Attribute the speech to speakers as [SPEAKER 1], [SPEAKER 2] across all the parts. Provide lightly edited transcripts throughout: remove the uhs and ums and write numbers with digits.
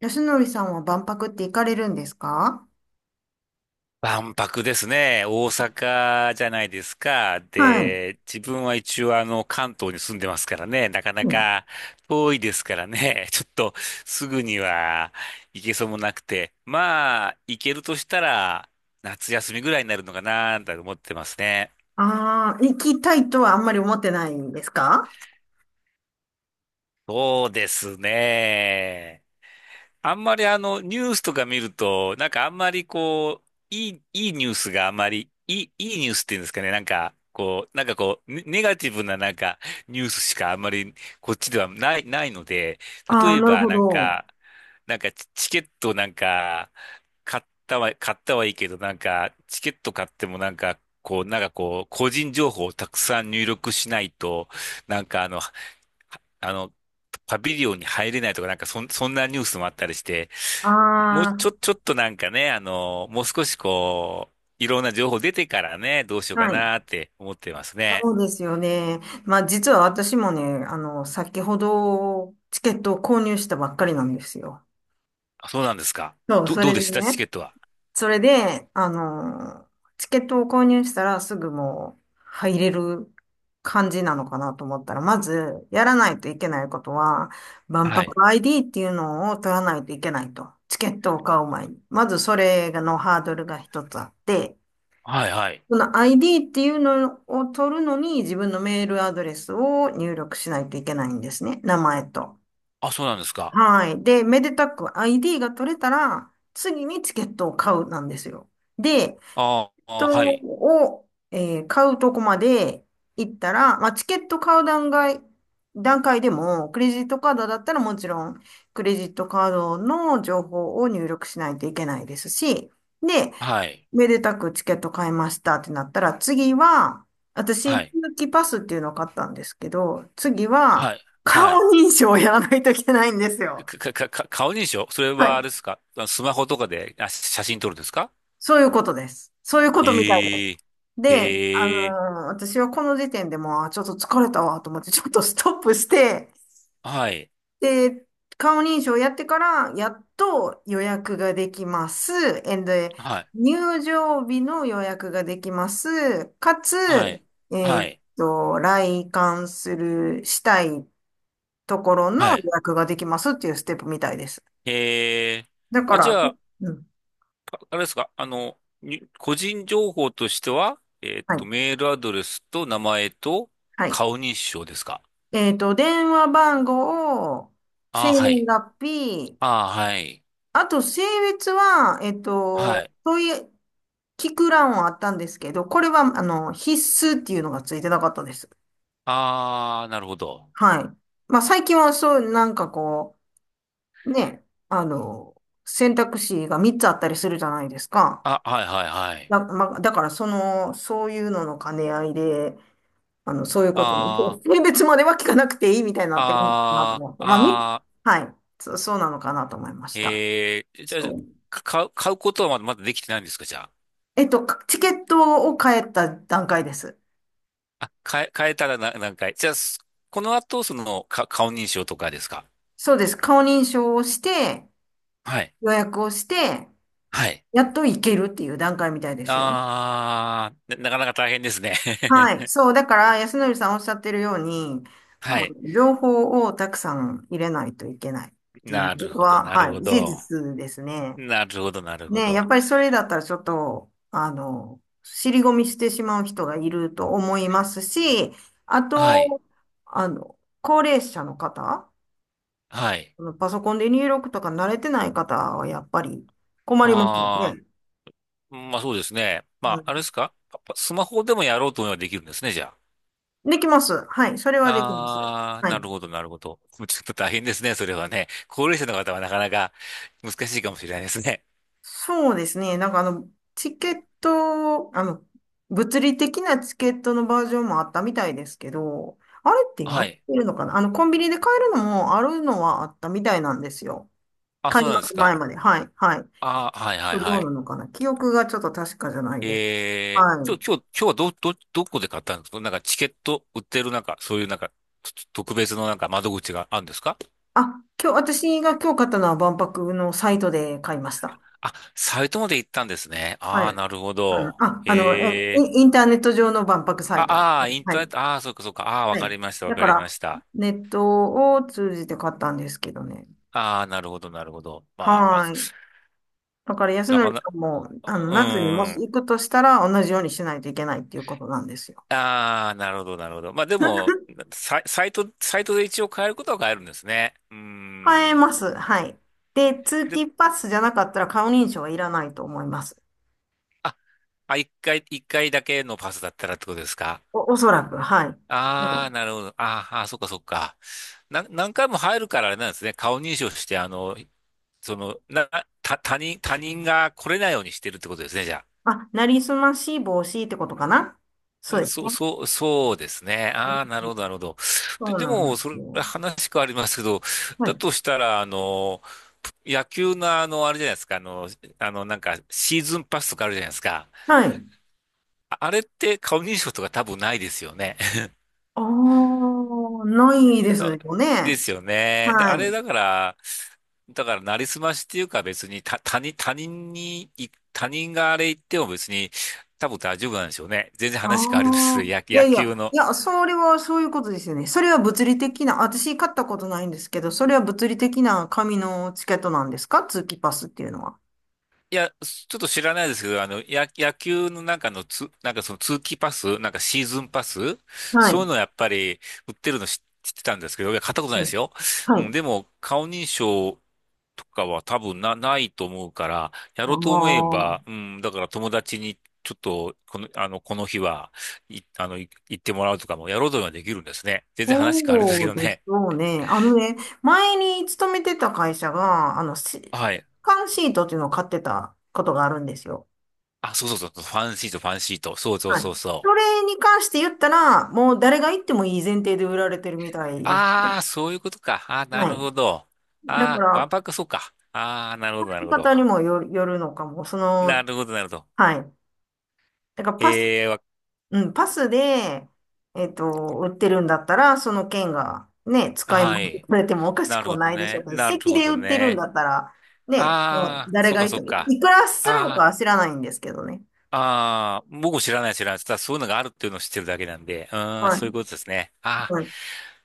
[SPEAKER 1] 安則さんは万博って行かれるんですか？
[SPEAKER 2] 万博ですね。大阪じゃないですか。
[SPEAKER 1] はい。
[SPEAKER 2] で、自分は一応関東に住んでますからね。なかな
[SPEAKER 1] うん。
[SPEAKER 2] か遠いですからね。ちょっとすぐには行けそうもなくて。まあ、行けるとしたら夏休みぐらいになるのかなと思ってますね。
[SPEAKER 1] ああ、行きたいとはあんまり思ってないんですか？
[SPEAKER 2] そうですね。あんまりニュースとか見ると、あんまりいいニュースがあんまり、いいニュースっていうんですかね、ネガティブなニュースしかあんまり、こっちではないので、
[SPEAKER 1] あ
[SPEAKER 2] 例
[SPEAKER 1] あ、
[SPEAKER 2] え
[SPEAKER 1] なる
[SPEAKER 2] ば
[SPEAKER 1] ほど。
[SPEAKER 2] チケット買ったはいいけど、チケット買っても個人情報をたくさん入力しないと、なんかあの、あの、パビリオンに入れないとか、そんなニュースもあったりして、もう
[SPEAKER 1] あ
[SPEAKER 2] ちょ、ちょっともう少しこう、いろんな情報出てからね、どうしよう
[SPEAKER 1] あ、
[SPEAKER 2] か
[SPEAKER 1] はい。
[SPEAKER 2] なって思ってますね。
[SPEAKER 1] そうですよね。まあ、実は私もね、先ほどチケットを購入したばっかりなんですよ。
[SPEAKER 2] あ、そうなんですか。
[SPEAKER 1] そう、そ
[SPEAKER 2] ど
[SPEAKER 1] れ
[SPEAKER 2] うで
[SPEAKER 1] で
[SPEAKER 2] したチ
[SPEAKER 1] ね。
[SPEAKER 2] ケットは？
[SPEAKER 1] それで、チケットを購入したらすぐもう入れる感じなのかなと思ったら、まずやらないといけないことは、万
[SPEAKER 2] はい。
[SPEAKER 1] 博 ID っていうのを取らないといけないと。チケットを買う前に。まずそれのハードルが一つあって、
[SPEAKER 2] はい、はい。
[SPEAKER 1] この ID っていうのを取るのに自分のメールアドレスを入力しないといけないんですね。名前と。
[SPEAKER 2] あ、そうなんですか。
[SPEAKER 1] はい。で、めでたく ID が取れたら、次にチケットを買うなんですよ。で、
[SPEAKER 2] あ
[SPEAKER 1] ト
[SPEAKER 2] あ、はい。
[SPEAKER 1] を、えー買うとこまで行ったら、まあ、チケット買う段階でも、クレジットカードだったらもちろん、クレジットカードの情報を入力しないといけないですし、で、
[SPEAKER 2] はい。
[SPEAKER 1] めでたくチケット買いましたってなったら、次は、
[SPEAKER 2] は
[SPEAKER 1] 私、通
[SPEAKER 2] い。
[SPEAKER 1] 期パスっていうのを買ったんですけど、次は、
[SPEAKER 2] はい。
[SPEAKER 1] 顔
[SPEAKER 2] はい。
[SPEAKER 1] 認証をやらないといけないんですよ。
[SPEAKER 2] か、か、か、か顔認証、それ
[SPEAKER 1] は
[SPEAKER 2] はあ
[SPEAKER 1] い。
[SPEAKER 2] れですか？スマホとかで、あ、写真撮るんですか？
[SPEAKER 1] そういうことです。そういうことみたいです。
[SPEAKER 2] ええ、
[SPEAKER 1] で、
[SPEAKER 2] ええ、
[SPEAKER 1] 私はこの時点でもう、あ、ちょっと疲れたわと思って、ちょっとストップして、
[SPEAKER 2] はい。
[SPEAKER 1] で、顔認証やってから、やっと予約ができます。えんで、
[SPEAKER 2] はい。
[SPEAKER 1] 入場日の予約ができます。かつ、
[SPEAKER 2] はい。
[SPEAKER 1] え
[SPEAKER 2] は
[SPEAKER 1] ーっ
[SPEAKER 2] い。
[SPEAKER 1] 来館する、したいところの
[SPEAKER 2] は
[SPEAKER 1] 予
[SPEAKER 2] い。
[SPEAKER 1] 約ができますっていうステップみたいです。
[SPEAKER 2] ええ。
[SPEAKER 1] だか
[SPEAKER 2] あ、じ
[SPEAKER 1] ら、
[SPEAKER 2] ゃあ、
[SPEAKER 1] うん、
[SPEAKER 2] ああれですか、あの、に個人情報としては、えーっ
[SPEAKER 1] は
[SPEAKER 2] と、
[SPEAKER 1] い、
[SPEAKER 2] メールアドレスと名前と
[SPEAKER 1] はい。
[SPEAKER 2] 顔認証ですか？
[SPEAKER 1] 電話番号、
[SPEAKER 2] あ
[SPEAKER 1] 生
[SPEAKER 2] あ、は
[SPEAKER 1] 年
[SPEAKER 2] い。
[SPEAKER 1] 月日、
[SPEAKER 2] ああ、はい。
[SPEAKER 1] あと、性別は、
[SPEAKER 2] はい。
[SPEAKER 1] そういう聞く欄はあったんですけど、これは、必須っていうのがついてなかったです。
[SPEAKER 2] ああ、なるほど。
[SPEAKER 1] はい。まあ、最近はそう、なんかね、選択肢が3つあったりするじゃないですか。
[SPEAKER 2] あ、はい、はい、はい。
[SPEAKER 1] まあ、だから、そういうのの兼ね合いで、そういうことに、
[SPEAKER 2] あ
[SPEAKER 1] 性別までは聞かなくていいみたいになってるのかなと
[SPEAKER 2] あ、
[SPEAKER 1] 思って。
[SPEAKER 2] あ
[SPEAKER 1] まあ、
[SPEAKER 2] あ、ああ、
[SPEAKER 1] はい。そうなのかなと思いました。
[SPEAKER 2] ええ、じゃあ
[SPEAKER 1] そう。
[SPEAKER 2] 買うことはまだできてないんですか、じゃあ？
[SPEAKER 1] チケットを買えた段階です。
[SPEAKER 2] 変えたらな何回。じゃあ、この後、その、顔認証とかですか？
[SPEAKER 1] そうです。顔認証をして、
[SPEAKER 2] はい、
[SPEAKER 1] 予約をして、
[SPEAKER 2] はい。
[SPEAKER 1] やっと行けるっていう段階みたいですよ。
[SPEAKER 2] あー、なかなか大変ですね。
[SPEAKER 1] はい。そう。だから、安則さんおっしゃってるように、あ
[SPEAKER 2] は
[SPEAKER 1] の、
[SPEAKER 2] い。
[SPEAKER 1] 情報をたくさん入れないといけないっていう
[SPEAKER 2] なる
[SPEAKER 1] こと
[SPEAKER 2] ほど、
[SPEAKER 1] は、
[SPEAKER 2] なる
[SPEAKER 1] は
[SPEAKER 2] ほ
[SPEAKER 1] い。事
[SPEAKER 2] ど。
[SPEAKER 1] 実ですね。
[SPEAKER 2] なるほど、なるほ
[SPEAKER 1] ね、やっ
[SPEAKER 2] ど。
[SPEAKER 1] ぱりそれだったらちょっと、尻込みしてしまう人がいると思いますし、あ
[SPEAKER 2] はい。
[SPEAKER 1] と、高齢者の方、
[SPEAKER 2] はい。
[SPEAKER 1] パソコンで入力とか慣れてない方はやっぱり困りますよ
[SPEAKER 2] あ
[SPEAKER 1] ね。
[SPEAKER 2] ー、まあそうですね。ま
[SPEAKER 1] う
[SPEAKER 2] あ、あれで
[SPEAKER 1] ん。
[SPEAKER 2] すかパスマホでもやろうと思えばできるんですね、じゃあ？
[SPEAKER 1] できます。はい。それはできます。
[SPEAKER 2] あー、
[SPEAKER 1] は
[SPEAKER 2] な
[SPEAKER 1] い。
[SPEAKER 2] るほど、なるほど。もうちょっと大変ですね、それはね。高齢者の方はなかなか難しいかもしれないですね。
[SPEAKER 1] そうですね。なんかチケット、物理的なチケットのバージョンもあったみたいですけど、あれって今
[SPEAKER 2] は
[SPEAKER 1] 売っ
[SPEAKER 2] い。
[SPEAKER 1] てるのかな？コンビニで買えるのもあるのはあったみたいなんですよ。
[SPEAKER 2] あ、
[SPEAKER 1] 開
[SPEAKER 2] そうなんです
[SPEAKER 1] 幕
[SPEAKER 2] か。
[SPEAKER 1] 前まで。はい。はい。
[SPEAKER 2] ああ、はい、は
[SPEAKER 1] ど
[SPEAKER 2] い、
[SPEAKER 1] う
[SPEAKER 2] は
[SPEAKER 1] な
[SPEAKER 2] い。
[SPEAKER 1] のかな？記憶がちょっと確かじゃないです。はい。
[SPEAKER 2] 今日はどこで買ったんですか？チケット売ってるなんか、そういうなんか、と特別の窓口があるんですか？
[SPEAKER 1] あ、今日、私が今日買ったのは万博のサイトで買いました。
[SPEAKER 2] あ、サイトまで行ったんですね。
[SPEAKER 1] は
[SPEAKER 2] ああ、
[SPEAKER 1] い。
[SPEAKER 2] なるほ
[SPEAKER 1] あの、
[SPEAKER 2] ど。
[SPEAKER 1] あ、あの、
[SPEAKER 2] へ
[SPEAKER 1] え
[SPEAKER 2] え。
[SPEAKER 1] インインターネット上の万博サイト。
[SPEAKER 2] ああー、イン
[SPEAKER 1] は
[SPEAKER 2] ターネッ
[SPEAKER 1] い。
[SPEAKER 2] ト、ああ、そうかそうか。ああ、わ
[SPEAKER 1] は
[SPEAKER 2] か
[SPEAKER 1] い。
[SPEAKER 2] りました、わ
[SPEAKER 1] だ
[SPEAKER 2] か
[SPEAKER 1] か
[SPEAKER 2] りま
[SPEAKER 1] ら、
[SPEAKER 2] した。
[SPEAKER 1] ネットを通じて買ったんですけどね。
[SPEAKER 2] ああ、なるほど、なるほど。まあ、
[SPEAKER 1] はい。だから、安
[SPEAKER 2] なか
[SPEAKER 1] 則
[SPEAKER 2] な、
[SPEAKER 1] さんも、
[SPEAKER 2] う
[SPEAKER 1] 夏にも
[SPEAKER 2] ー
[SPEAKER 1] し
[SPEAKER 2] ん。
[SPEAKER 1] 行くとしたら、同じようにしないといけないっていうことなんですよ。
[SPEAKER 2] ああ、なるほど、なるほど。まあでも、サイトで一応変えることは変えるんですね。うー
[SPEAKER 1] 買え
[SPEAKER 2] ん。
[SPEAKER 1] ます。はい。で、通
[SPEAKER 2] で、
[SPEAKER 1] 勤パスじゃなかったら顔認証はいらないと思います。
[SPEAKER 2] あ、一回だけのパスだったらってことですか？
[SPEAKER 1] おそらく、はい。
[SPEAKER 2] ああー、
[SPEAKER 1] そう。
[SPEAKER 2] なるほど。あーあー、そっかそっか。何回も入るからあれなんですね。顔認証して、その、な、他人、が来れないようにしてるってことですね、じゃ
[SPEAKER 1] あ、なりすまし防止ってことかな？そうで
[SPEAKER 2] あ。
[SPEAKER 1] すね。
[SPEAKER 2] そうですね。
[SPEAKER 1] うん。
[SPEAKER 2] ああ、なるほど、なるほど。で、
[SPEAKER 1] そう
[SPEAKER 2] で
[SPEAKER 1] なんで
[SPEAKER 2] も、そ
[SPEAKER 1] す
[SPEAKER 2] れ、
[SPEAKER 1] よ。
[SPEAKER 2] 話変わりますけど、
[SPEAKER 1] は
[SPEAKER 2] だ
[SPEAKER 1] い。
[SPEAKER 2] としたら、野球のあれじゃないですか、シーズンパスとかあるじゃないですか。
[SPEAKER 1] はい。
[SPEAKER 2] あれって顔認証とか多分ないですよね。
[SPEAKER 1] ああ、ないで
[SPEAKER 2] だ
[SPEAKER 1] すよ
[SPEAKER 2] で
[SPEAKER 1] ね。
[SPEAKER 2] すよね。で、
[SPEAKER 1] は
[SPEAKER 2] あれ
[SPEAKER 1] い。
[SPEAKER 2] だから、だから、なりすましっていうか別に、た、他人、他人に、他人があれ言っても別に、多分大丈夫なんでしょうね。全然
[SPEAKER 1] あ
[SPEAKER 2] 話変わりま
[SPEAKER 1] あ、
[SPEAKER 2] す。
[SPEAKER 1] いや
[SPEAKER 2] 野
[SPEAKER 1] いや、
[SPEAKER 2] 球の。
[SPEAKER 1] いや、それはそういうことですよね。それは物理的な、私買ったことないんですけど、それは物理的な紙のチケットなんですか？通期パスっていうのは。
[SPEAKER 2] いや、ちょっと知らないですけど、野球の中のつ、なんかその通期パス、シーズンパス、
[SPEAKER 1] は
[SPEAKER 2] そういう
[SPEAKER 1] い。
[SPEAKER 2] のやっぱり売ってるの知ってたんですけど、いや、買ったことない
[SPEAKER 1] う
[SPEAKER 2] で
[SPEAKER 1] ん。
[SPEAKER 2] すよ。
[SPEAKER 1] は
[SPEAKER 2] うん、
[SPEAKER 1] い。
[SPEAKER 2] でも、顔認証とかは多分ないと思うから、や
[SPEAKER 1] あ
[SPEAKER 2] ろうと思え
[SPEAKER 1] あ、
[SPEAKER 2] ば、うん、だから友達にちょっと、この日は、い、あの、い行ってもらうとかもやろうとはできるんですね。全然話変わるんですけ
[SPEAKER 1] そう
[SPEAKER 2] ど
[SPEAKER 1] でし
[SPEAKER 2] ね。
[SPEAKER 1] ょうね。あのね、前に勤めてた会社が、
[SPEAKER 2] はい。
[SPEAKER 1] 缶シートっていうのを買ってたことがあるんですよ。
[SPEAKER 2] あ、そうそうそう、ファンシート、ファンシート。そうそう
[SPEAKER 1] はい。
[SPEAKER 2] そうそ
[SPEAKER 1] そ
[SPEAKER 2] う。
[SPEAKER 1] れに関して言ったら、もう誰が行ってもいい前提で売られてるみたいです
[SPEAKER 2] あ
[SPEAKER 1] ね。
[SPEAKER 2] あ、そういうことか。ああ、な
[SPEAKER 1] は
[SPEAKER 2] るほど。
[SPEAKER 1] い。だか
[SPEAKER 2] ああ、万
[SPEAKER 1] ら、
[SPEAKER 2] 博、そうか。ああ、なるほど、な
[SPEAKER 1] 使
[SPEAKER 2] る
[SPEAKER 1] い
[SPEAKER 2] ほ
[SPEAKER 1] 方
[SPEAKER 2] ど。
[SPEAKER 1] にもよるのかも。
[SPEAKER 2] なるほど、なるほど。
[SPEAKER 1] はい。だから、パス、
[SPEAKER 2] ええ、
[SPEAKER 1] うん、パスで、売ってるんだったら、その券がね、使い
[SPEAKER 2] は
[SPEAKER 1] 回さて
[SPEAKER 2] い。
[SPEAKER 1] れてもおかし
[SPEAKER 2] な
[SPEAKER 1] く
[SPEAKER 2] る
[SPEAKER 1] は
[SPEAKER 2] ほど
[SPEAKER 1] ないでしょ
[SPEAKER 2] ね。
[SPEAKER 1] うけど、
[SPEAKER 2] なる
[SPEAKER 1] 席
[SPEAKER 2] ほ
[SPEAKER 1] で
[SPEAKER 2] ど
[SPEAKER 1] 売ってるんだ
[SPEAKER 2] ね。
[SPEAKER 1] ったら、ね、もう
[SPEAKER 2] ああ、
[SPEAKER 1] 誰
[SPEAKER 2] そう
[SPEAKER 1] が
[SPEAKER 2] か、
[SPEAKER 1] い
[SPEAKER 2] そ
[SPEAKER 1] て
[SPEAKER 2] う
[SPEAKER 1] も、
[SPEAKER 2] か。
[SPEAKER 1] いくらするのか
[SPEAKER 2] ああ。
[SPEAKER 1] は知らないんですけどね。
[SPEAKER 2] ああ、僕も知らない、ただそういうのがあるっていうのを知ってるだけなんで、うーん、
[SPEAKER 1] は
[SPEAKER 2] そういう
[SPEAKER 1] い。
[SPEAKER 2] ことですね。ああ、
[SPEAKER 1] はい。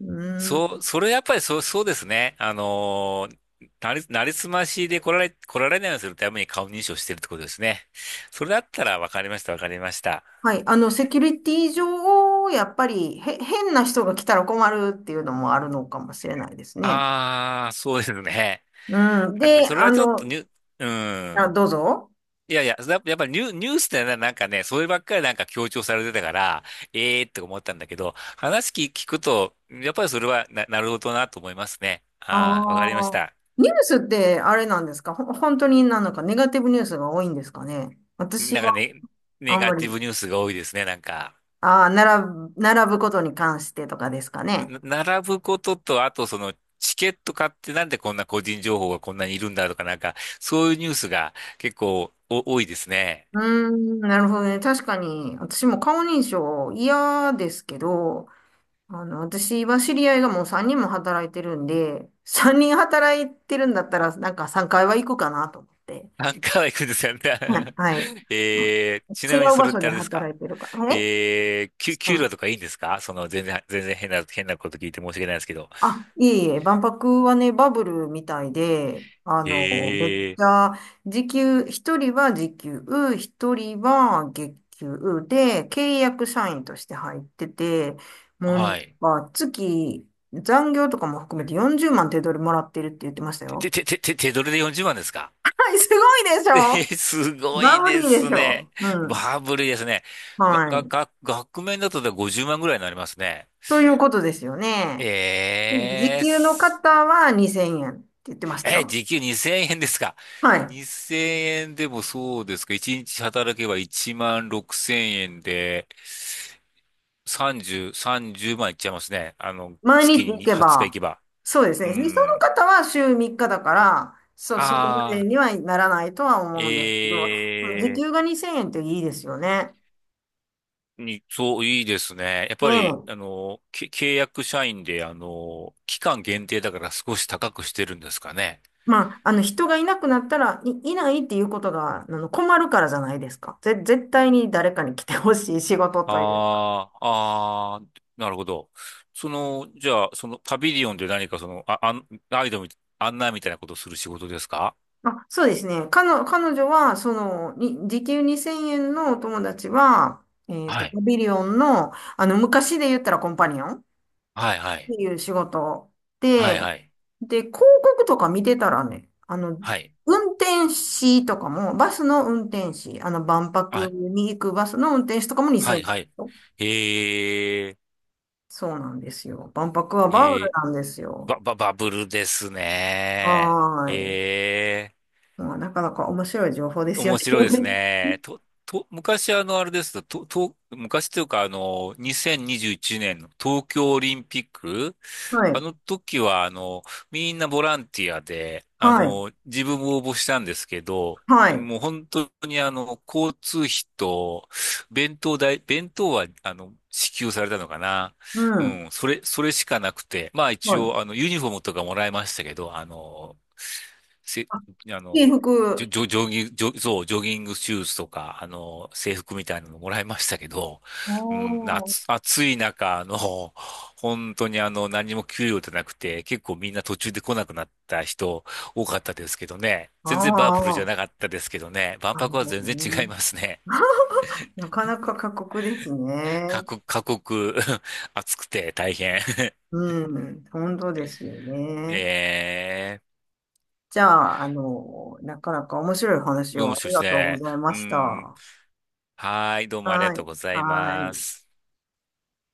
[SPEAKER 1] う
[SPEAKER 2] そう、
[SPEAKER 1] ん。
[SPEAKER 2] それやっぱりそうですね。あのー、なりすましで来られないようにするために顔認証してるってことですね。それだったらわかりました、わかりました。
[SPEAKER 1] はい。セキュリティ上、やっぱり、変な人が来たら困るっていうのもあるのかもしれないですね。
[SPEAKER 2] ああ、そうですね。
[SPEAKER 1] うん。
[SPEAKER 2] あ、
[SPEAKER 1] で、
[SPEAKER 2] それはちょっとに、ーう
[SPEAKER 1] あ、
[SPEAKER 2] ん。
[SPEAKER 1] どうぞ。
[SPEAKER 2] いやいや、やっぱニュースってなんかね、そればっかりなんか強調されてたから、ええーって思ったんだけど、話聞くと、やっぱりそれはなるほどなと思いますね。
[SPEAKER 1] あ
[SPEAKER 2] ああ、わかりまし
[SPEAKER 1] あ、
[SPEAKER 2] た。
[SPEAKER 1] ニュースってあれなんですか？本当になんかネガティブニュースが多いんですかね？私
[SPEAKER 2] なんか
[SPEAKER 1] は
[SPEAKER 2] ね、ネ
[SPEAKER 1] あん
[SPEAKER 2] ガ
[SPEAKER 1] ま
[SPEAKER 2] ティ
[SPEAKER 1] り、
[SPEAKER 2] ブニュースが多いですね、なんか。
[SPEAKER 1] ああ、並ぶことに関してとかですかね。
[SPEAKER 2] な並ぶことと、あとその、チケット買ってなんでこんな個人情報がこんなにいるんだとか、なんか、そういうニュースが結構多いですね。
[SPEAKER 1] うーん、なるほどね。確かに、私も顔認証嫌ですけど、私は知り合いがもう3人も働いてるんで、3人働いてるんだったら、なんか3回は行くかなと思って。
[SPEAKER 2] 何回は行くん ですよね。
[SPEAKER 1] はい。はい。
[SPEAKER 2] えー、ち
[SPEAKER 1] 違
[SPEAKER 2] なみに
[SPEAKER 1] う
[SPEAKER 2] そ
[SPEAKER 1] 場
[SPEAKER 2] れっ
[SPEAKER 1] 所
[SPEAKER 2] て
[SPEAKER 1] で
[SPEAKER 2] あれですか？
[SPEAKER 1] 働いてるからね。
[SPEAKER 2] えー、給料と
[SPEAKER 1] え
[SPEAKER 2] かいいんですか？その、全然変なこと聞いて申し訳ないですけど。
[SPEAKER 1] いえいえ、万博はね、バブルみたいで、めっ
[SPEAKER 2] え
[SPEAKER 1] ち
[SPEAKER 2] ー、
[SPEAKER 1] ゃ、一人は時給、一人は月給で、契約社員として入ってて、もうね、
[SPEAKER 2] はい。
[SPEAKER 1] まあ、残業とかも含めて40万手取りもらってるって言ってました
[SPEAKER 2] て、
[SPEAKER 1] よ。
[SPEAKER 2] て、て、て、手取りで40万ですか？
[SPEAKER 1] はい、すごいでし
[SPEAKER 2] え
[SPEAKER 1] ょ？
[SPEAKER 2] ー、すご
[SPEAKER 1] バ
[SPEAKER 2] い
[SPEAKER 1] ブ
[SPEAKER 2] で
[SPEAKER 1] リーで
[SPEAKER 2] す
[SPEAKER 1] しょ
[SPEAKER 2] ね。
[SPEAKER 1] う。ん。
[SPEAKER 2] バブルですね。が、
[SPEAKER 1] は
[SPEAKER 2] が、
[SPEAKER 1] い。
[SPEAKER 2] が、額面だとで50万ぐらいになりますね。
[SPEAKER 1] ということですよね。時
[SPEAKER 2] えー、
[SPEAKER 1] 給の
[SPEAKER 2] す、
[SPEAKER 1] 方は2000円って言ってました
[SPEAKER 2] えー、
[SPEAKER 1] よ。
[SPEAKER 2] 時給2000円ですか？
[SPEAKER 1] はい。
[SPEAKER 2] 2000 円でもそうですか？ 1 日働けば1万6000円で、30万いっちゃいますね。あの、
[SPEAKER 1] 毎日
[SPEAKER 2] 月
[SPEAKER 1] 行
[SPEAKER 2] に
[SPEAKER 1] け
[SPEAKER 2] 20日行
[SPEAKER 1] ば、
[SPEAKER 2] けば。
[SPEAKER 1] そうですね。
[SPEAKER 2] う
[SPEAKER 1] でその
[SPEAKER 2] ん。
[SPEAKER 1] 方は週3日だから、そう、そこま
[SPEAKER 2] あ
[SPEAKER 1] で
[SPEAKER 2] あ、
[SPEAKER 1] にはならないとは思うんですけど、時
[SPEAKER 2] ええ、
[SPEAKER 1] 給が2000円っていいですよね。
[SPEAKER 2] に、そう、いいですね。やっ
[SPEAKER 1] ね
[SPEAKER 2] ぱり、
[SPEAKER 1] え。
[SPEAKER 2] あの、契約社員で、あの、期間限定だから少し高くしてるんですかね。
[SPEAKER 1] まあ、人がいなくなったら、いないっていうことが、困るからじゃないですか。絶対に誰かに来てほしい仕事というか。
[SPEAKER 2] ああ、ああ、なるほど。その、じゃあ、そのパビリオンで何かその、あ、あん、ガイドみ、案内みたいなことをする仕事ですか？
[SPEAKER 1] あ、そうですね。彼女は、に時給2000円のお友達は、
[SPEAKER 2] は
[SPEAKER 1] パ
[SPEAKER 2] い。
[SPEAKER 1] ビリオンの、昔で言ったらコンパニオンっ
[SPEAKER 2] はい、は
[SPEAKER 1] て
[SPEAKER 2] い。
[SPEAKER 1] いう仕事
[SPEAKER 2] は
[SPEAKER 1] で
[SPEAKER 2] い、はい。
[SPEAKER 1] で、広告とか見てたらね、
[SPEAKER 2] はい。
[SPEAKER 1] 運転士とかも、バスの運転士、万博
[SPEAKER 2] あ、
[SPEAKER 1] に行くバスの運転士とかも
[SPEAKER 2] はい、
[SPEAKER 1] 2000
[SPEAKER 2] はい。
[SPEAKER 1] 円。
[SPEAKER 2] へえ、
[SPEAKER 1] そうなんですよ。万博はバブ
[SPEAKER 2] へ
[SPEAKER 1] ル
[SPEAKER 2] え、
[SPEAKER 1] なんですよ。
[SPEAKER 2] バブルですね。
[SPEAKER 1] はーい。
[SPEAKER 2] へえ。
[SPEAKER 1] まあ、なかなか面白い情報ですよ
[SPEAKER 2] 面
[SPEAKER 1] ね。
[SPEAKER 2] 白いです ね。昔、あの、あれですと、と、と昔というかあの、2021年の東京オリンピック、
[SPEAKER 1] は
[SPEAKER 2] あ
[SPEAKER 1] い。
[SPEAKER 2] の時はあの、みんなボランティアで、あ
[SPEAKER 1] はい。
[SPEAKER 2] の、自分も応募したんですけど、
[SPEAKER 1] はい。
[SPEAKER 2] もう本当にあの、交通費と、弁当代、弁当はあの、支給されたのかな。
[SPEAKER 1] う
[SPEAKER 2] う
[SPEAKER 1] ん。
[SPEAKER 2] ん、それしかなくて、まあ
[SPEAKER 1] は
[SPEAKER 2] 一
[SPEAKER 1] い。
[SPEAKER 2] 応あの、ユニフォームとかもらいましたけど、あの、せ、
[SPEAKER 1] あ、
[SPEAKER 2] あ
[SPEAKER 1] 制
[SPEAKER 2] の、ジョ、
[SPEAKER 1] 服。
[SPEAKER 2] ジョジョギング、ジョ、そう、ジョギングシューズとか、あの、制服みたいなのもらいましたけど、うん、
[SPEAKER 1] おー。
[SPEAKER 2] 夏、暑い中、あの、本当にあの、何も給料じゃなくて、結構みんな途中で来なくなった人多かったですけどね。
[SPEAKER 1] あ
[SPEAKER 2] 全然バブルじゃ
[SPEAKER 1] あ。
[SPEAKER 2] なかったですけどね。万
[SPEAKER 1] なる
[SPEAKER 2] 博は
[SPEAKER 1] ほ
[SPEAKER 2] 全
[SPEAKER 1] ど
[SPEAKER 2] 然違い
[SPEAKER 1] ね。
[SPEAKER 2] ますね。
[SPEAKER 1] なかなか過酷ですね。
[SPEAKER 2] 過酷、暑くて大変。
[SPEAKER 1] うん。本当ですよね。
[SPEAKER 2] え
[SPEAKER 1] じゃあ、なかなか面白い
[SPEAKER 2] ー、
[SPEAKER 1] 話
[SPEAKER 2] どう
[SPEAKER 1] を
[SPEAKER 2] も
[SPEAKER 1] あ
[SPEAKER 2] しょ
[SPEAKER 1] り
[SPEAKER 2] し
[SPEAKER 1] がとうご
[SPEAKER 2] て
[SPEAKER 1] ざいま
[SPEAKER 2] う
[SPEAKER 1] した。
[SPEAKER 2] ん。
[SPEAKER 1] は
[SPEAKER 2] はい、どうもありがとう
[SPEAKER 1] い。
[SPEAKER 2] ござい
[SPEAKER 1] は
[SPEAKER 2] ま
[SPEAKER 1] い。
[SPEAKER 2] す。